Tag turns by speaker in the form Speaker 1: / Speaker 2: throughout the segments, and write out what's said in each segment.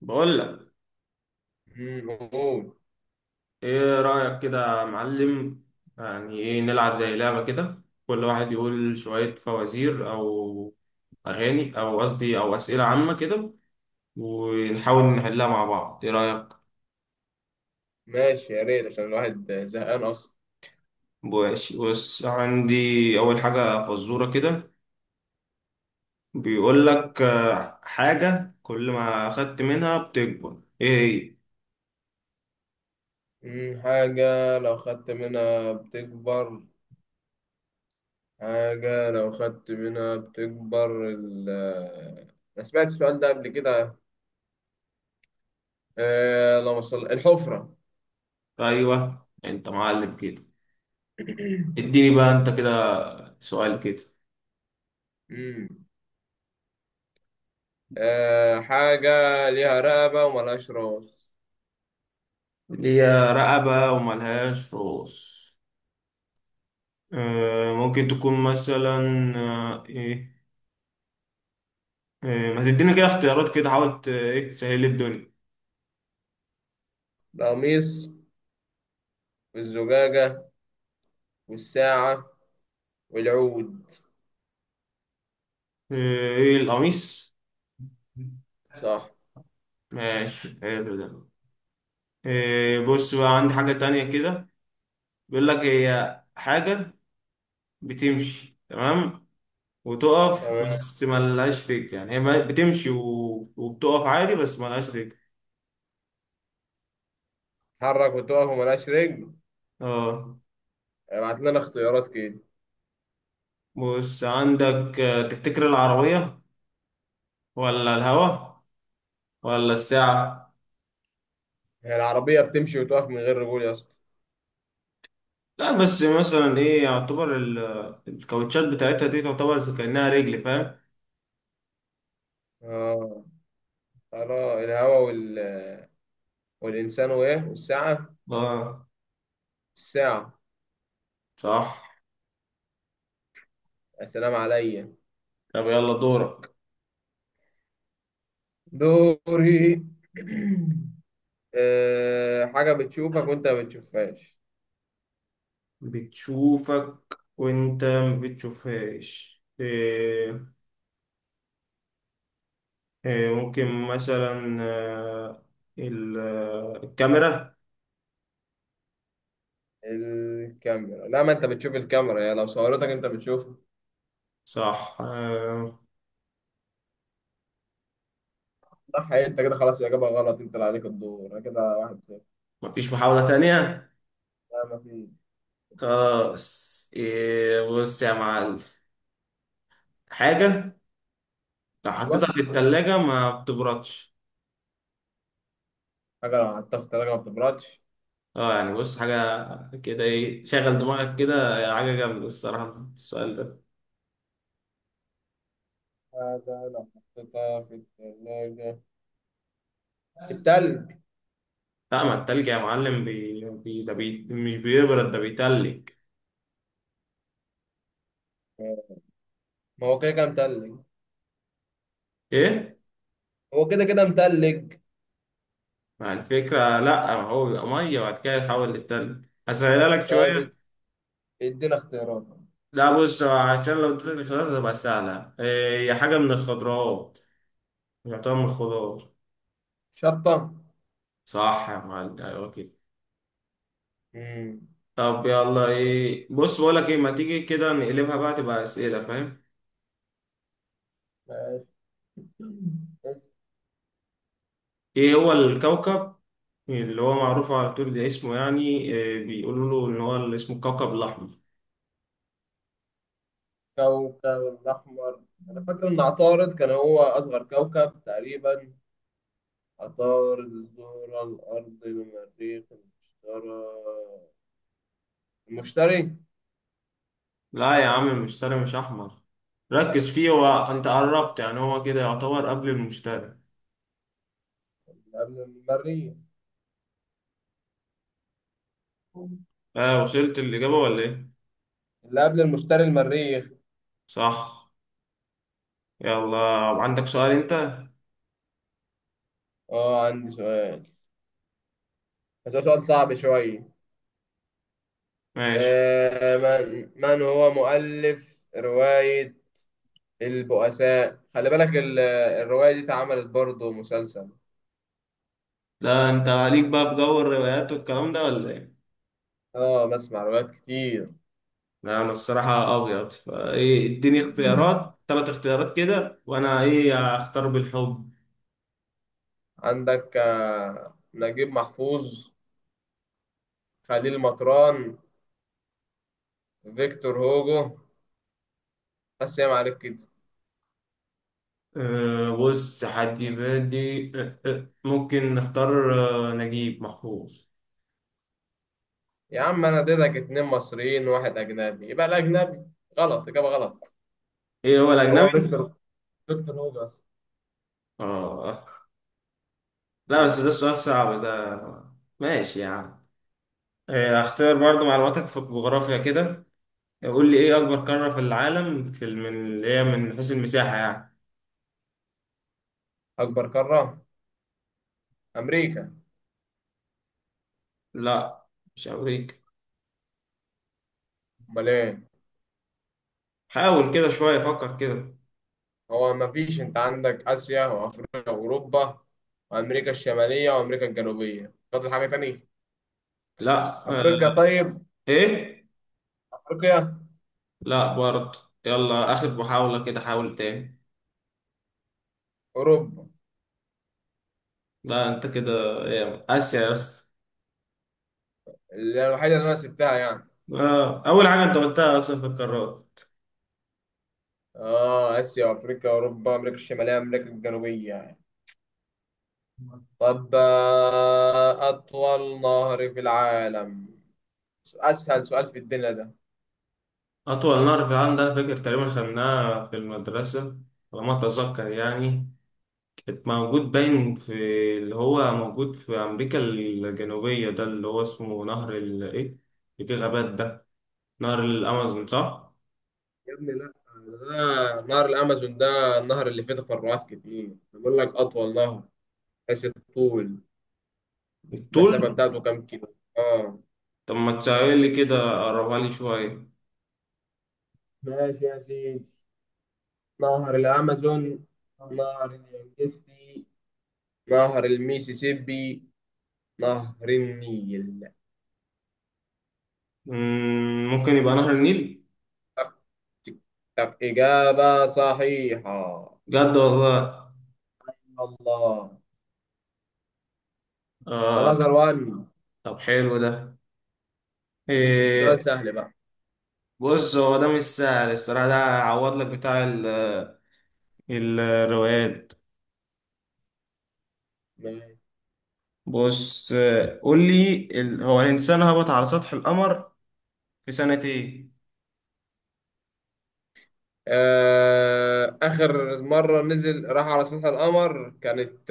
Speaker 1: بقول لك.
Speaker 2: موجود.
Speaker 1: ايه رأيك كده يا معلم؟ يعني ايه نلعب زي لعبة كده، كل واحد يقول شوية فوازير او اغاني او قصدي او أسئلة عامة كده، ونحاول نحلها مع بعض. ايه رأيك؟
Speaker 2: ماشي، يا ريت عشان الواحد زهقان أصلا.
Speaker 1: ماشي، بص عندي اول حاجة فزورة كده. بيقول لك حاجة كل ما اخدت منها بتكبر، ايه؟
Speaker 2: حاجة لو خدت منها بتكبر. حاجة لو خدت منها بتكبر ال آه، أنا سمعت السؤال ده قبل كده. لو وصل الحفرة.
Speaker 1: هي ايوه، انت معلم كده. اديني بقى انت كده سؤال كده.
Speaker 2: مم. حاجة ليها رقبة وملهاش راس.
Speaker 1: اللي هي رقبة وملهاش رؤوس. ممكن تكون مثلا ايه. ما تدينا كده اختيارات كده، حاولت ايه تسهل لي الدنيا.
Speaker 2: القميص والزجاجة والساعة والعود.
Speaker 1: آه، ايه القميص؟
Speaker 2: صح.
Speaker 1: ماشي حلو ده. بص بقى عندي حاجة تانية كده. بيقول لك هي حاجة بتمشي تمام وتقف،
Speaker 2: تمام.
Speaker 1: بس ملهاش رجل. يعني هي بتمشي وبتقف عادي، بس ملهاش رجل.
Speaker 2: تتحرك وتقف وملهاش رجل.
Speaker 1: اه.
Speaker 2: ابعت لنا اختيارات كده.
Speaker 1: بص عندك تفتكر العربية ولا الهوا ولا الساعة؟
Speaker 2: هي العربية بتمشي وتقف من غير رجول يا اسطى؟
Speaker 1: لا بس مثلا ايه، يعتبر الكاوتشات بتاعتها دي تعتبر زي كأنها رجل، فاهم؟
Speaker 2: اه. ترى الهوا والإنسان وإيه والساعة.
Speaker 1: اه.
Speaker 2: الساعة.
Speaker 1: صح.
Speaker 2: السلام عليا.
Speaker 1: طب يلا دورك.
Speaker 2: دوري. حاجة بتشوفك وأنت ما بتشوفهاش.
Speaker 1: بتشوفك وانت ما بتشوفهاش، إيه؟ إيه ممكن مثلا الكاميرا.
Speaker 2: الكاميرا، لا، ما أنت بتشوف الكاميرا، يا لو صورتك أنت بتشوفها.
Speaker 1: صح.
Speaker 2: صح. إيه، أنت كده خلاص، الإجابة غلط، أنت اللي عليك الدور، أنا كده 1-0.
Speaker 1: مفيش محاولة تانية؟
Speaker 2: لا، ما في.
Speaker 1: خلاص، إيه، بص يا معلم، حاجة لو حطيتها
Speaker 2: أيوه.
Speaker 1: في التلاجة ما بتبردش.
Speaker 2: حاجة لو حطيتها في التلاجة ما بتبردش.
Speaker 1: اه يعني بص حاجة كده، ايه، شغل دماغك كده. حاجة جامدة الصراحة السؤال ده.
Speaker 2: حاجة لو حطيتها في التلاجة، التلج.
Speaker 1: لا، ما التلج يا معلم، ده مش بيبرد ده بيتلج.
Speaker 2: ما هو كده كده متلج.
Speaker 1: ايه؟
Speaker 2: هو كده كده متلج.
Speaker 1: مع الفكرة لا، ما هو بيبقى مية وبعد كده يتحول للتلج. هسهلها لك
Speaker 2: طب،
Speaker 1: شوية.
Speaker 2: ادينا اختيارات.
Speaker 1: لا بص، عشان لو اديتك الاختيارات هتبقى سهلة. هي حاجة من الخضروات، يعتبر من الخضار.
Speaker 2: شطة.
Speaker 1: صح يا معلم، ايوه كده.
Speaker 2: مم.
Speaker 1: طب يلا ايه، بص بقول لك ايه، ما تيجي كده نقلبها بقى تبقى اسئلة، فاهم؟
Speaker 2: ماشي.
Speaker 1: ايه هو الكوكب اللي هو معروف على طول ده، اسمه يعني بيقولوا له ان هو اللي اسمه الكوكب الاحمر.
Speaker 2: الكوكب الأحمر. أنا فاكر إن عطارد كان هو أصغر كوكب تقريبا. عطارد، الزهرة، الأرض، المريخ، المشتري. المشتري.
Speaker 1: لا يا عم، المشتري مش احمر. ركز فيه، هو انت قربت يعني، هو كده يعتبر قبل المشتري.
Speaker 2: اللي قبل المريخ.
Speaker 1: اه، وصلت الاجابه ولا ايه؟
Speaker 2: اللي قبل المشتري، المريخ.
Speaker 1: صح. يلا، عندك سؤال انت؟
Speaker 2: اه، عندي سؤال. بس هو سؤال صعب شوية.
Speaker 1: ماشي.
Speaker 2: آه من هو مؤلف رواية البؤساء. خلي بالك، الرواية دي اتعملت برضه مسلسل.
Speaker 1: لا انت عليك بقى بجو الروايات والكلام ده، ولا ايه؟
Speaker 2: اه، بسمع روايات كتير.
Speaker 1: لا انا الصراحه ابيض فايه، اديني اختيارات، ثلاث اختيارات كده، وانا ايه اختار بالحب.
Speaker 2: عندك نجيب محفوظ، خليل مطران، فيكتور هوجو. بس يا معلك كده.
Speaker 1: أه بص، حد يبادي. أه ممكن نختار أه نجيب محفوظ.
Speaker 2: يا عم، انا اديتك اتنين مصريين وواحد اجنبي، يبقى الاجنبي. غلط، اجابه غلط.
Speaker 1: ايه هو الأجنبي؟
Speaker 2: هو فيكتور. فيكتور هوجو أصلاً.
Speaker 1: اه. لا بس ده السؤال صعب ده، ماشي يعني. أه اختار برضو معلوماتك في الجغرافيا كده، قول لي ايه أكبر قارة في العالم في من اللي هي من حيث المساحة يعني.
Speaker 2: اكبر قاره، امريكا.
Speaker 1: لا مش أمريكا.
Speaker 2: امال ايه؟
Speaker 1: حاول كده شوية، فكر كده.
Speaker 2: هو ما فيش، انت عندك اسيا وافريقيا واوروبا وامريكا الشماليه وامريكا الجنوبيه. فاضل حاجه تانية؟
Speaker 1: لا أه.
Speaker 2: افريقيا طيب.
Speaker 1: ايه؟
Speaker 2: افريقيا.
Speaker 1: لا برضو. يلا آخر محاولة كده، حاول تاني.
Speaker 2: اوروبا.
Speaker 1: لا انت كده، إيه، آسيا يا اسطى.
Speaker 2: اللي الوحيده اللي انا سبتها يعني.
Speaker 1: أول حاجة أنت قلتها أصلا في القارات.
Speaker 2: اه، اسيا وافريقيا اوروبا امريكا الشماليه امريكا الجنوبيه يعني. طب، اطول نهر في العالم. اسهل سؤال في الدنيا ده.
Speaker 1: أطول نهر في العالم ده، أنا فاكر تقريبا خدناها في المدرسة، على ما أتذكر يعني. كانت موجود باين في، اللي هو موجود في أمريكا الجنوبية ده، اللي هو اسمه نهر ال إيه اللي فيه غابات ده، نهر الأمازون، صح؟
Speaker 2: يا ابني لا، ده نهر الامازون، ده النهر اللي فيه تفرعات كتير، بقول لك اطول نهر، حيث الطول. المسافه
Speaker 1: الطول.
Speaker 2: بتاعته كام كيلو، اه.
Speaker 1: طب ما تسأل لي كده، قربها لي شوية.
Speaker 2: ماشي يا سيدي. نهر الأمازون، نهر اليانجستي، نهر الميسيسيبي، نهر النيل.
Speaker 1: مم، ممكن يبقى نهر النيل؟
Speaker 2: تك، تك، تك، إجابة صحيحة.
Speaker 1: بجد والله.
Speaker 2: الله.
Speaker 1: آه.
Speaker 2: أنظر وان.
Speaker 1: طب حلو ده،
Speaker 2: سؤال
Speaker 1: إيه.
Speaker 2: سهل بقى.
Speaker 1: بص، هو ده مش سهل الصراحة ده، عوض لك بتاع الروايات.
Speaker 2: ماشي.
Speaker 1: بص، قول لي، هو الإنسان هبط على سطح القمر في سنة إيه؟
Speaker 2: آخر مرة نزل راح على سطح القمر كانت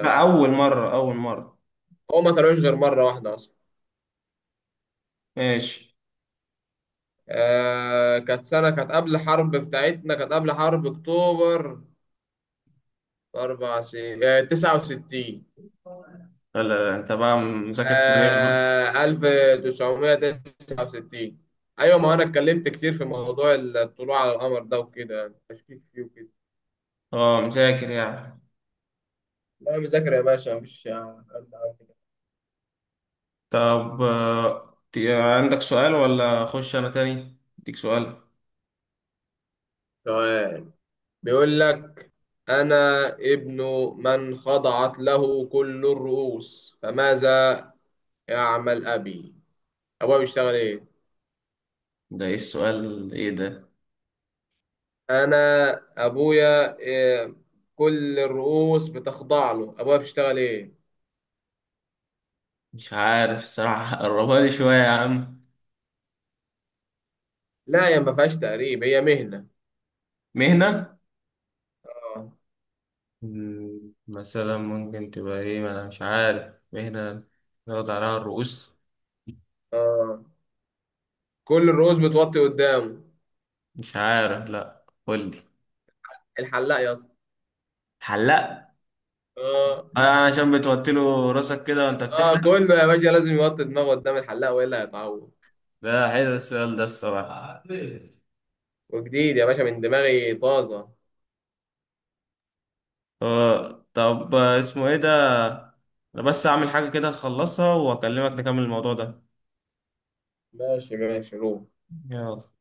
Speaker 1: لا، أول مرة، أول مرة.
Speaker 2: هو ما طلعوش غير مرة واحدة أصلا.
Speaker 1: ماشي.
Speaker 2: كانت سنة، كانت قبل الحرب بتاعتنا، كانت قبل حرب أكتوبر، 4 سنين 69.
Speaker 1: لا لا، أنت بقى مذاكر تاريخ بقى.
Speaker 2: 1969. أيوة، ما أنا اتكلمت كتير في موضوع الطلوع على القمر ده وكده، يعني تشكيك فيه وكده.
Speaker 1: أه مذاكر يعني.
Speaker 2: لا، مذاكرة يا باشا، مفيش حد عارف.
Speaker 1: طب عندك سؤال ولا أخش أنا تاني؟ أديك سؤال.
Speaker 2: سؤال، بيقول لك: أنا ابن من خضعت له كل الرؤوس، فماذا يعمل أبي؟ أبويا بيشتغل إيه؟
Speaker 1: ده إيه السؤال، إيه ده؟
Speaker 2: أنا أبويا إيه، كل الرؤوس بتخضع له، أبويا بيشتغل إيه؟
Speaker 1: مش عارف الصراحة قربها لي شوية يا عم.
Speaker 2: لا، هي ما فيهاش تقريب، هي مهنة.
Speaker 1: مهنة.
Speaker 2: اه.
Speaker 1: مم، مثلا ممكن تبقى ايه، ما انا مش عارف مهنة يقعد عليها الرؤوس.
Speaker 2: اه، كل الرؤوس بتوطي قدامه.
Speaker 1: مش عارف، لا قول لي.
Speaker 2: الحلاق يا اسطى.
Speaker 1: حلاق.
Speaker 2: اه.
Speaker 1: عشان بتوطي له راسك كده وانت
Speaker 2: اه،
Speaker 1: بتحلق.
Speaker 2: كله يا باشا لازم يوطي دماغه قدام الحلاق والا هيتعور.
Speaker 1: ده حلو السؤال ده الصراحة.
Speaker 2: وجديد يا باشا، من دماغي طازة.
Speaker 1: اه طب، اسمه ايه ده، انا بس اعمل حاجة كده اخلصها واكلمك نكمل الموضوع ده.
Speaker 2: ماشي ماشي، روح.
Speaker 1: يلا.